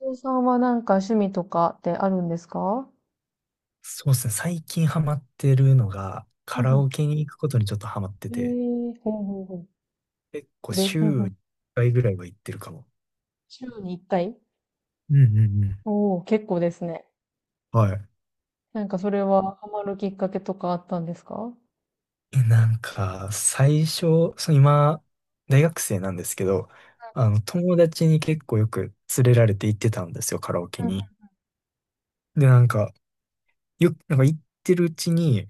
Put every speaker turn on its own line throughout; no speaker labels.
お父さんはなんか趣味とかってあるんですか？
そうですね。最近ハマってるのが、
う
カラ
ん
オケに行くことにちょっとハマって
うん。
て、
ほうほうほう。
結構
それ、うん
週
うん。
1回ぐらいは行ってるかも。
週に1回。
うんうんうん。
おおー、結構ですね。
はい。
なんかそれはハマるきっかけとかあったんですか？うん
なんか、最初、そう、今、大学生なんですけど、あの、友達に結構よく連れられて行ってたんですよ、カラオケに。で、なんか、なんか行ってるうちに、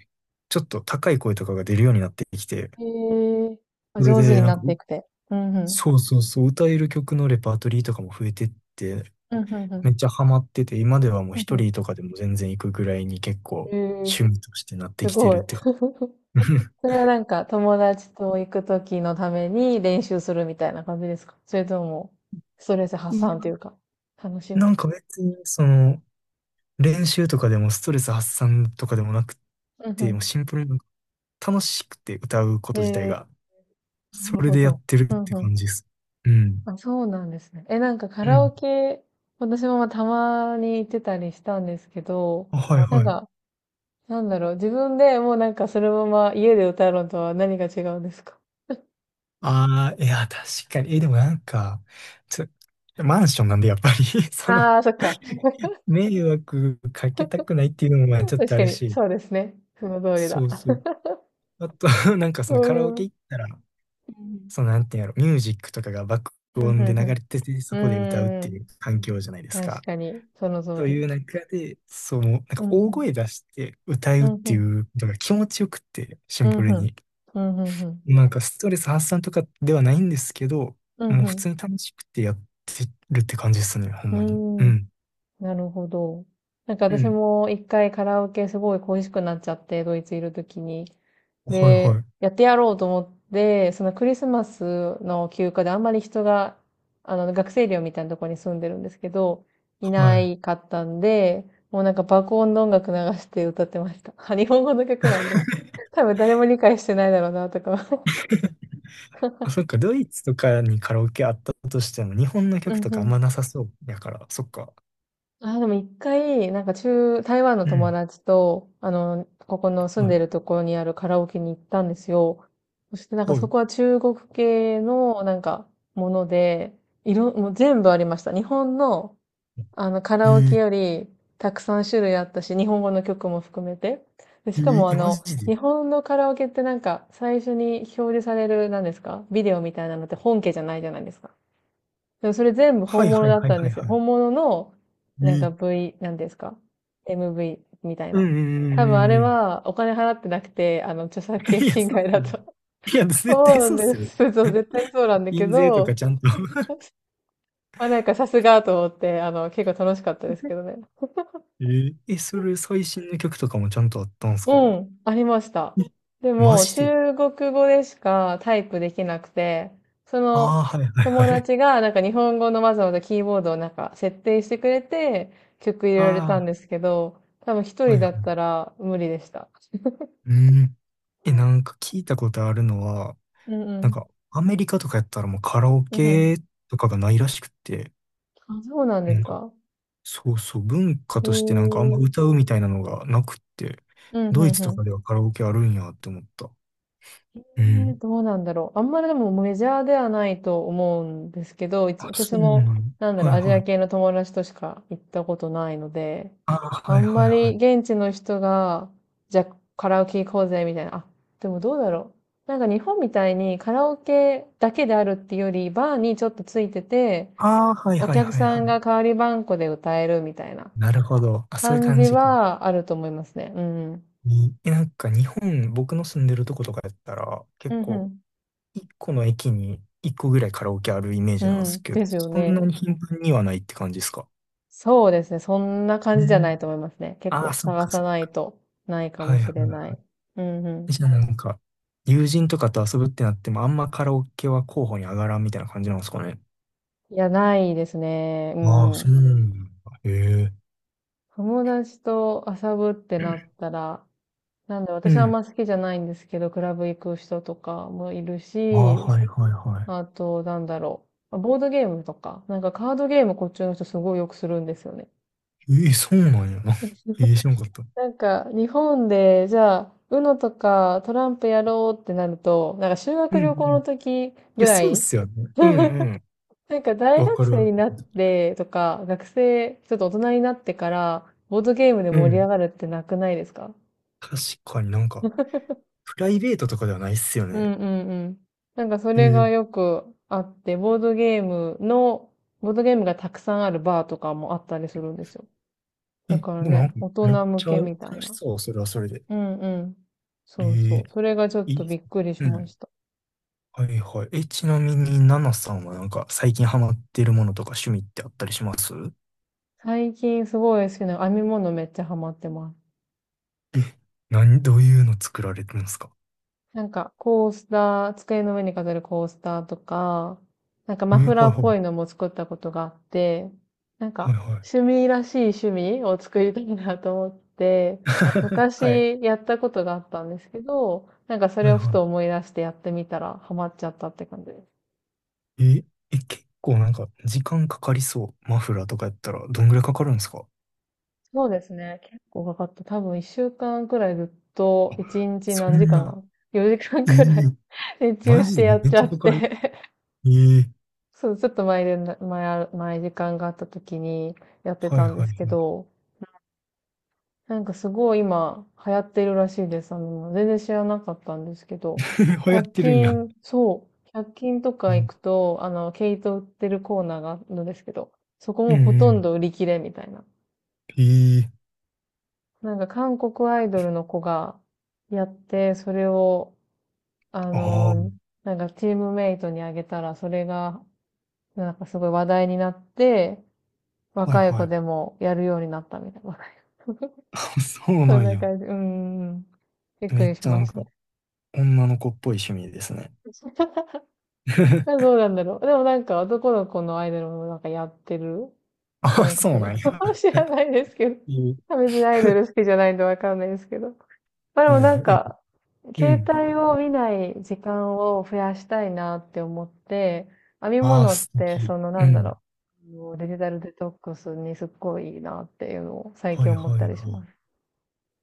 ちょっと高い声とかが出るようになってきて、
うん。へえー、あ、
それ
上手
で、
に
なん
な
か、
っていくて。うんうん。
そうそうそう、歌える曲のレパートリーとかも増えてって、
うんうんうん。
めっちゃハマってて、今ではもう
うん
一
う
人とかでも全然行くぐらいに結構
ん。
趣味としてなって
す
きて
ご
るっ
い。
て感 じ。
そ れはなんか友達と行くときのために練習するみたいな感じですか？それとも、ストレス発散というか、楽しむ。
なんか別に、その、練習とかでもストレス発散とかでもなく
うんう
て、もう
ん。
シンプルになんか楽しくて歌うこと自体
え
が、
な
そ
る
れ
ほ
でや
ど。
ってる
う
っ
ん
て
うん。
感じです。うん。
あ、そうなんですね。なんかカ
う
ラオ
ん。
ケ、私もまあたまに行ってたりしたんですけど、
あ、はい
なん
はい。
か、なんだろう、自分でもうなんかそのまま家で歌うのとは何が違うんですか？
ああ、いや、確かに。え、でもなんか、ちょ、マンションなんでやっぱり その
ああー、そっか。
迷惑かけたくないっていうのもまあちょっ
確
とあ
か
る
に、
し、
そうですね。その通り
そ
だ。
うそう。あと、なんかそ
う
のカラオ
ん。う
ケ
ん
行ったら、そのなんていうんやろ、ミュージックとかが爆
うん
音で流
うん。
れてて、そ
う
こで歌うってい
ん。
う環境じゃないです
確
か。
かに、その通
とい
り。
う中で、そう、なん
う
か
んう
大
ん。
声出して歌
う
うっ
んう
てい
ん。
うのが気持ちよくって、シ
う
ン
んう
プル
ん。
に。
うんうんうん。
なんかストレス発散とかではないんですけど、
う
も
ん
う
う
普
ん。
通に楽しくてやってるって感じですね、ほん
う
まに。う
ん。
ん。
なるほど。なんか
う
私
ん。
も一回カラオケすごい恋しくなっちゃって、ドイツいるときに。
はい
で、
はい。
やってやろうと思って、そのクリスマスの休暇であんまり人が、あの、学生寮みたいなところに住んでるんですけど、い
は
な
い。
いかったんで、もうなんか爆音の音楽流して歌ってました。日本語の曲なんで。多分誰も理解してないだろうな、とか。
あ、そっか、ドイツとかにカラオケあったとしても、日本の
う
曲
ん
と
う
かあん
ん。
まなさそうやから、そっか。
あ、でも一回、なんか台湾の
う
友
ん。
達と、あの、ここの住
は
んで
い。
るところにあるカラオケに行ったんですよ。そしてなんか
は
そ
い。
こは中国系のなんかもので、もう全部ありました。日本のあのカ
え
ラオケ
ー、
よりたくさん種類あったし、日本語の曲も含めて。で、しかもあ
マ
の、
ジで。
日本のカラオケってなんか最初に表示される、なんですかビデオみたいなのって本家じゃないじゃないですか。でもそれ全部
は
本
い
物
はい
だっ
はい
たん
は
で
い
す
は
よ。
い。
本物の、
え
なん
ー、
か なんですか？ MV みたい
うんう
な。
んうんう
多分あれ
んうん。
はお金払ってなくて、あの、著作 権
いや、
侵
そう
害
っす
だ
よね。
と。
いや、絶対
そう
そうっ
なんで
すよね。
す。そう、絶対そうなんだけ
印税とか
ど、
ちゃんと
まあなんかさすがと思って、あの、結構楽しかったですけど ね。
それ最新の曲とかもちゃんとあったんす
う
か？
ん、ありました。
え
で
マ
も、
ジで？
中国語でしかタイプできなくて、そ
あ
の
あー、はいは
友
いはい。
達がなんか日本語のわざわざキーボードをなんか設定してくれて曲入れられたん
あ
ですけど、多分一
あ、は
人
い
だ
は
った
い。
ら無理でした。
うん。なんか聞いたことあるのは、
うんう
なん
ん。
かアメリカとかやったらもうカラオ
うんうん。
ケとかがないらしくって、
あ、そうなんで
な
す
んか
か？
そうそう、文化
へえ。
としてなんかあんま
うん
歌うみたいなのがなくって、
うん
ドイ
う
ツと
ん。
かではカラオケあるんやって思った。う
ね、
ん。
どうなんだろう。あんまりでもメジャーではないと思うんですけど、
あ、
私
そうな
も、
の。
なんだろ
は
う、
い
アジア
はい。
系の友達としか行ったことないので、
ああ、
あ
はい
ん
はい
ま
は
り
い。
現地の人が、じゃあカラオケ行こうぜみたいな。あ、でもどうだろう。なんか日本みたいにカラオケだけであるっていうより、バーにちょっとついてて、
ああ、はい
お
はい
客
はい
さ
は
ん
い。
が代わりばんこで歌えるみたいな
なるほど。あ、そういう
感
感
じ
じか。
はあると思いますね。うんうん。
なんか日本、僕の住んでるとことかやったら、
う
結構、
ん
一個の駅に一個ぐらいカラオケあるイメー
う
ジなん
ん。
で
う
す
ん。
けど、
ですよ
そんな
ね。
に頻繁にはないって感じですか？
そうですね。そんな感
う
じじゃない
ん。
と思いますね。結
ああ、
構
そっ
探
か
さ
そっ
ない
か。
とないか
は
も
いは
しれな
い。
い。うんう
じゃあなんか、友人とかと遊ぶってなっても、あんまカラオケは候補に上がらんみたいな感じなんですかね。
ん。いや、ないですね。う
ああ、
んう
そう
ん。
なんだ。へえ。
友達と遊ぶってなったら、なんで
う
私はあん
ん。
ま好きじゃないんですけど、クラブ行く人とかもいる
ああ、
し、
はいはいは
あと、なんだろう。ボードゲームとか、なんかカードゲームこっちの人すごいよくするんですよね。
い。ええ、そうなんやな。ええ、知らんかった。
なんか、日本で、じゃあ、UNO とかトランプやろうってなると、なんか修
うん
学旅行
うん。
の
い
時ぐ
や、
ら
そうっ
い。
すよね。うんうん。
なんか大
わ
学
かる
生
わ
に
か
なってとか、学生、ちょっと大人になってから、ボードゲームで
る。う
盛り上
ん。
がるってなくないですか？
確かになんか、プライベートとかではないっすよ
う
ね。
んうんうん。なんかそ
へ
れ
え。
がよくあって、ボードゲームがたくさんあるバーとかもあったりするんですよ。
え、
だから
でもなん
ね、
か、
大
めっ
人向
ちゃ
け
楽
みたい
し
な。
そう、それはそれで。
うんうん。
え
そうそ
え、
う。それがちょっ
い
と
いっ
び
す。
っくりし
う
ま
ん。
した。
はいはい。ちなみに、ナナさんはなんか最近ハマってるものとか趣味ってあったりします？
最近すごい好きな編み物めっちゃハマってます。
え、何、どういうの作られてるんですか？
なんか、コースター、机の上に飾るコースターとか、なんか
え、
マ
は
フラー
い
っ
は
ぽ
い。
いのも作ったことがあって、なん
は
か、
いは
趣
い。
味らしい趣味を作りたいなと思って、
はい。
昔やったことがあったんですけど、なんかそ
は
れ
い
をふ
は
と思い出してやってみたらハマっちゃったって感じです。
い。結構なんか時間かかりそう。マフラーとかやったらどんぐらいかかるんですか？
そうですね。結構かかった。多分一週間くらいずっと、一日
そ
何時
ん
間？
な。
4 時間
え
くらい
ー
熱中
マ
して
ジで
やっ
めっ
ちゃ
ちゃか
っ
か
て、
る。えー
そう、ちょっと前でな、前あ前時間があった時にやって
はい
たんで
はい
すけ
はい。
ど、なんかすごい今流行ってるらしいです。あの、全然知らなかったんですけど、
流行っ
100
てるんや。
均、そう、1均と
え
か行
ー
くと、あの、毛糸売ってるコーナーがあるんですけど、そこ
う
もほ
んう
とん
ん。
ど売り切れみたいな。
えー
なんか韓国アイドルの子がやって、それを、あ
ああ、
の、なんかチームメイトにあげたら、それが、なんかすごい話題になって、
はい
若い
は
子
い。
でもやるようになったみたいな。若い子
そう
そ
な
ん
ん
な
や。
感じ。うんうんん。びっく
めっ
りし
ちゃな
ま
ん
し
か、女の子っぽい趣味ですね。
た。あ、 どうなんだろう。でもなんか男の子のアイドルもなんかやってる、
あ、
韓国
そうな
の。
ん や。
知らないですけど。
え
別にアイドル好きじゃないんでわかんないですけど。まあでも
はい
なん
はい。
か、
え、う
携
ん。
帯を見ない時間を増やしたいなって思って、編み
ああ、
物っ
素
て
敵。
そのな
う
んだ
ん。
ろう、あのデジタルデトックスにすっごいいいなっていうのを最
は
近
い
思っ
は
た
い
りし
は
ま
い。
す。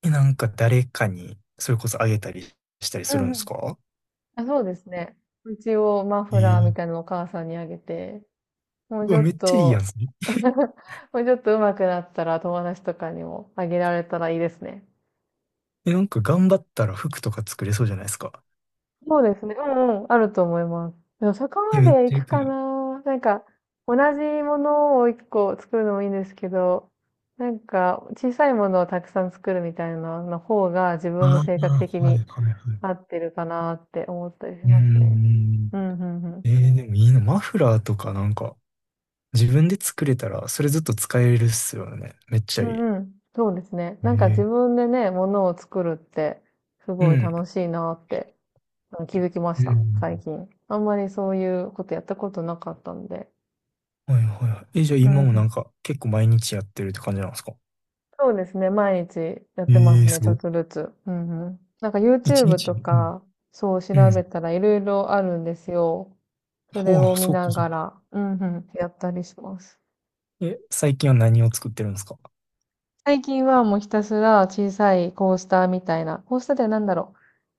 なんか誰かに、それこそあげたりしたり
う
する
ん
ん
う
です
ん。
か？
あ、そうですね。一応マ
え
フラー
ー、
みたいなのをお母さんにあげて、もう
う
ち
わ、
ょ
めっ
っ
ちゃいいやん。
と
それ、
もうちょっと上手くなったら友達とかにもあげられたらいいですね。
なんか頑張ったら服とか作れそうじゃないですか。
そうですね。うんうん。あると思います。でもそこま
めっ
で行
ちゃいい。
くかな。なんか、同じものを一個作るのもいいんですけど、なんか、小さいものをたくさん作るみたいなの方が自
あ
分
あ、
の
は
性格的
い
に
はいはい。
合ってるかなって思ったりし
うー
ますね。
ん。
うん、うん、うん。
でもいいな。マフラーとかなんか、自分で作れたら、それずっと使えるっすよね。めっちゃ
う
い
んうん。そうですね。
い。
なんか自分でね、ものを作るって、す
う
ごい
ん。
楽しいなって、うん、気づきまし
う
た。
ん。
最近。あんまりそういうことやったことなかったんで。
はいはいはい。じゃあ
うん
今も
う
な
ん。
んか結構毎日やってるって感じなんですか？
そうですね。毎日やっ
え
てます
え
ね。
す
ちょっ
ご。
とずつ。うんうん。なんか
一
YouTube
日
と
に、
か、そう
うん。うん。
調べたらいろいろあるんですよ。それ
は
を
あ、
見
そっ
な
かそっ
が
か。
ら、うんうん。やったりします。
最近は何を作ってるんですか？
最近はもうひたすら小さいコースターみたいな、コースターでは何だろう。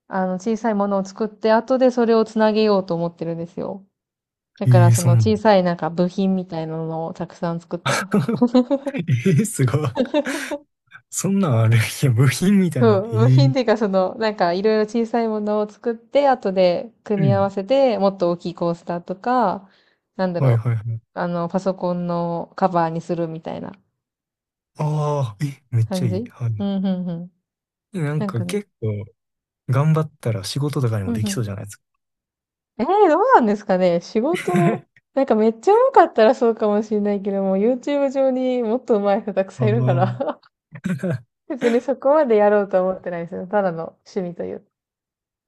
あの、小さいものを作って、後でそれをつなげようと思ってるんですよ。だから
ええ
そ
そ
の
んな。
小さいなんか部品みたいなのをたくさん作ってます。
ええすごい。そんなんある。いや、部品みたい
そ
な。
う、部
ええ。
品っていうかその、なんかいろいろ小さいものを作って、後で組
う
み合わ
ん。
せて、もっと大きいコースターとか、なんだ
はい
ろ
はいはい。
う、あの、パソコンのカバーにするみたいな
ああ、めっち
感
ゃいい。
じ。
はい
う
は
ん、うん、うん。
い。なん
なん
か
かね。
結構頑張ったら仕事とかに
う
も
ん、
で
う
き
ん。
そうじゃないですか。
どうなんですかね。仕事、なんかめっちゃ上手かったらそうかもしれないけども、YouTube 上にもっと上手い人たくさん
あ
いるか
の、
ら、 別にそこまでやろうとは思ってないですよ。ただの趣味という。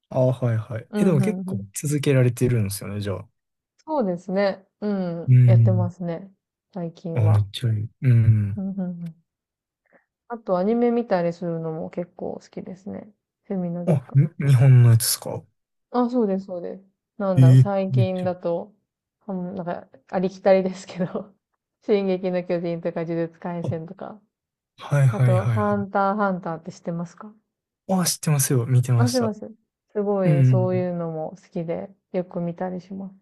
ああ、はいはい。
う
でも
ん、う
結
ん、う
構
ん。
続けられてるんですよね、じゃあ。
そうですね。う
う
ん。やってま
ん。
すね。最
あ、
近
めっ
は。
ちゃいい。う
う
ん。
ん、うん、うん。あとアニメ見たりするのも結構好きですね。趣味の時
あ、
間。
日本のやつですか？
あ、そうです、そうです。なんだろう、
ええ
最
めっ
近
ちゃいい。
だと、うん、まなんか、ありきたりですけど、進撃の巨人とか呪術廻
あ、
戦とか、
はい
あ
はい
と、
はいは
ハ
い。
ンターハンターって知ってますか？
あ、知ってますよ。見て
あ、
ま
す
し
いま
た。
せん。すご
う
い、そう
ん。
いうのも好きで、よく見たりします。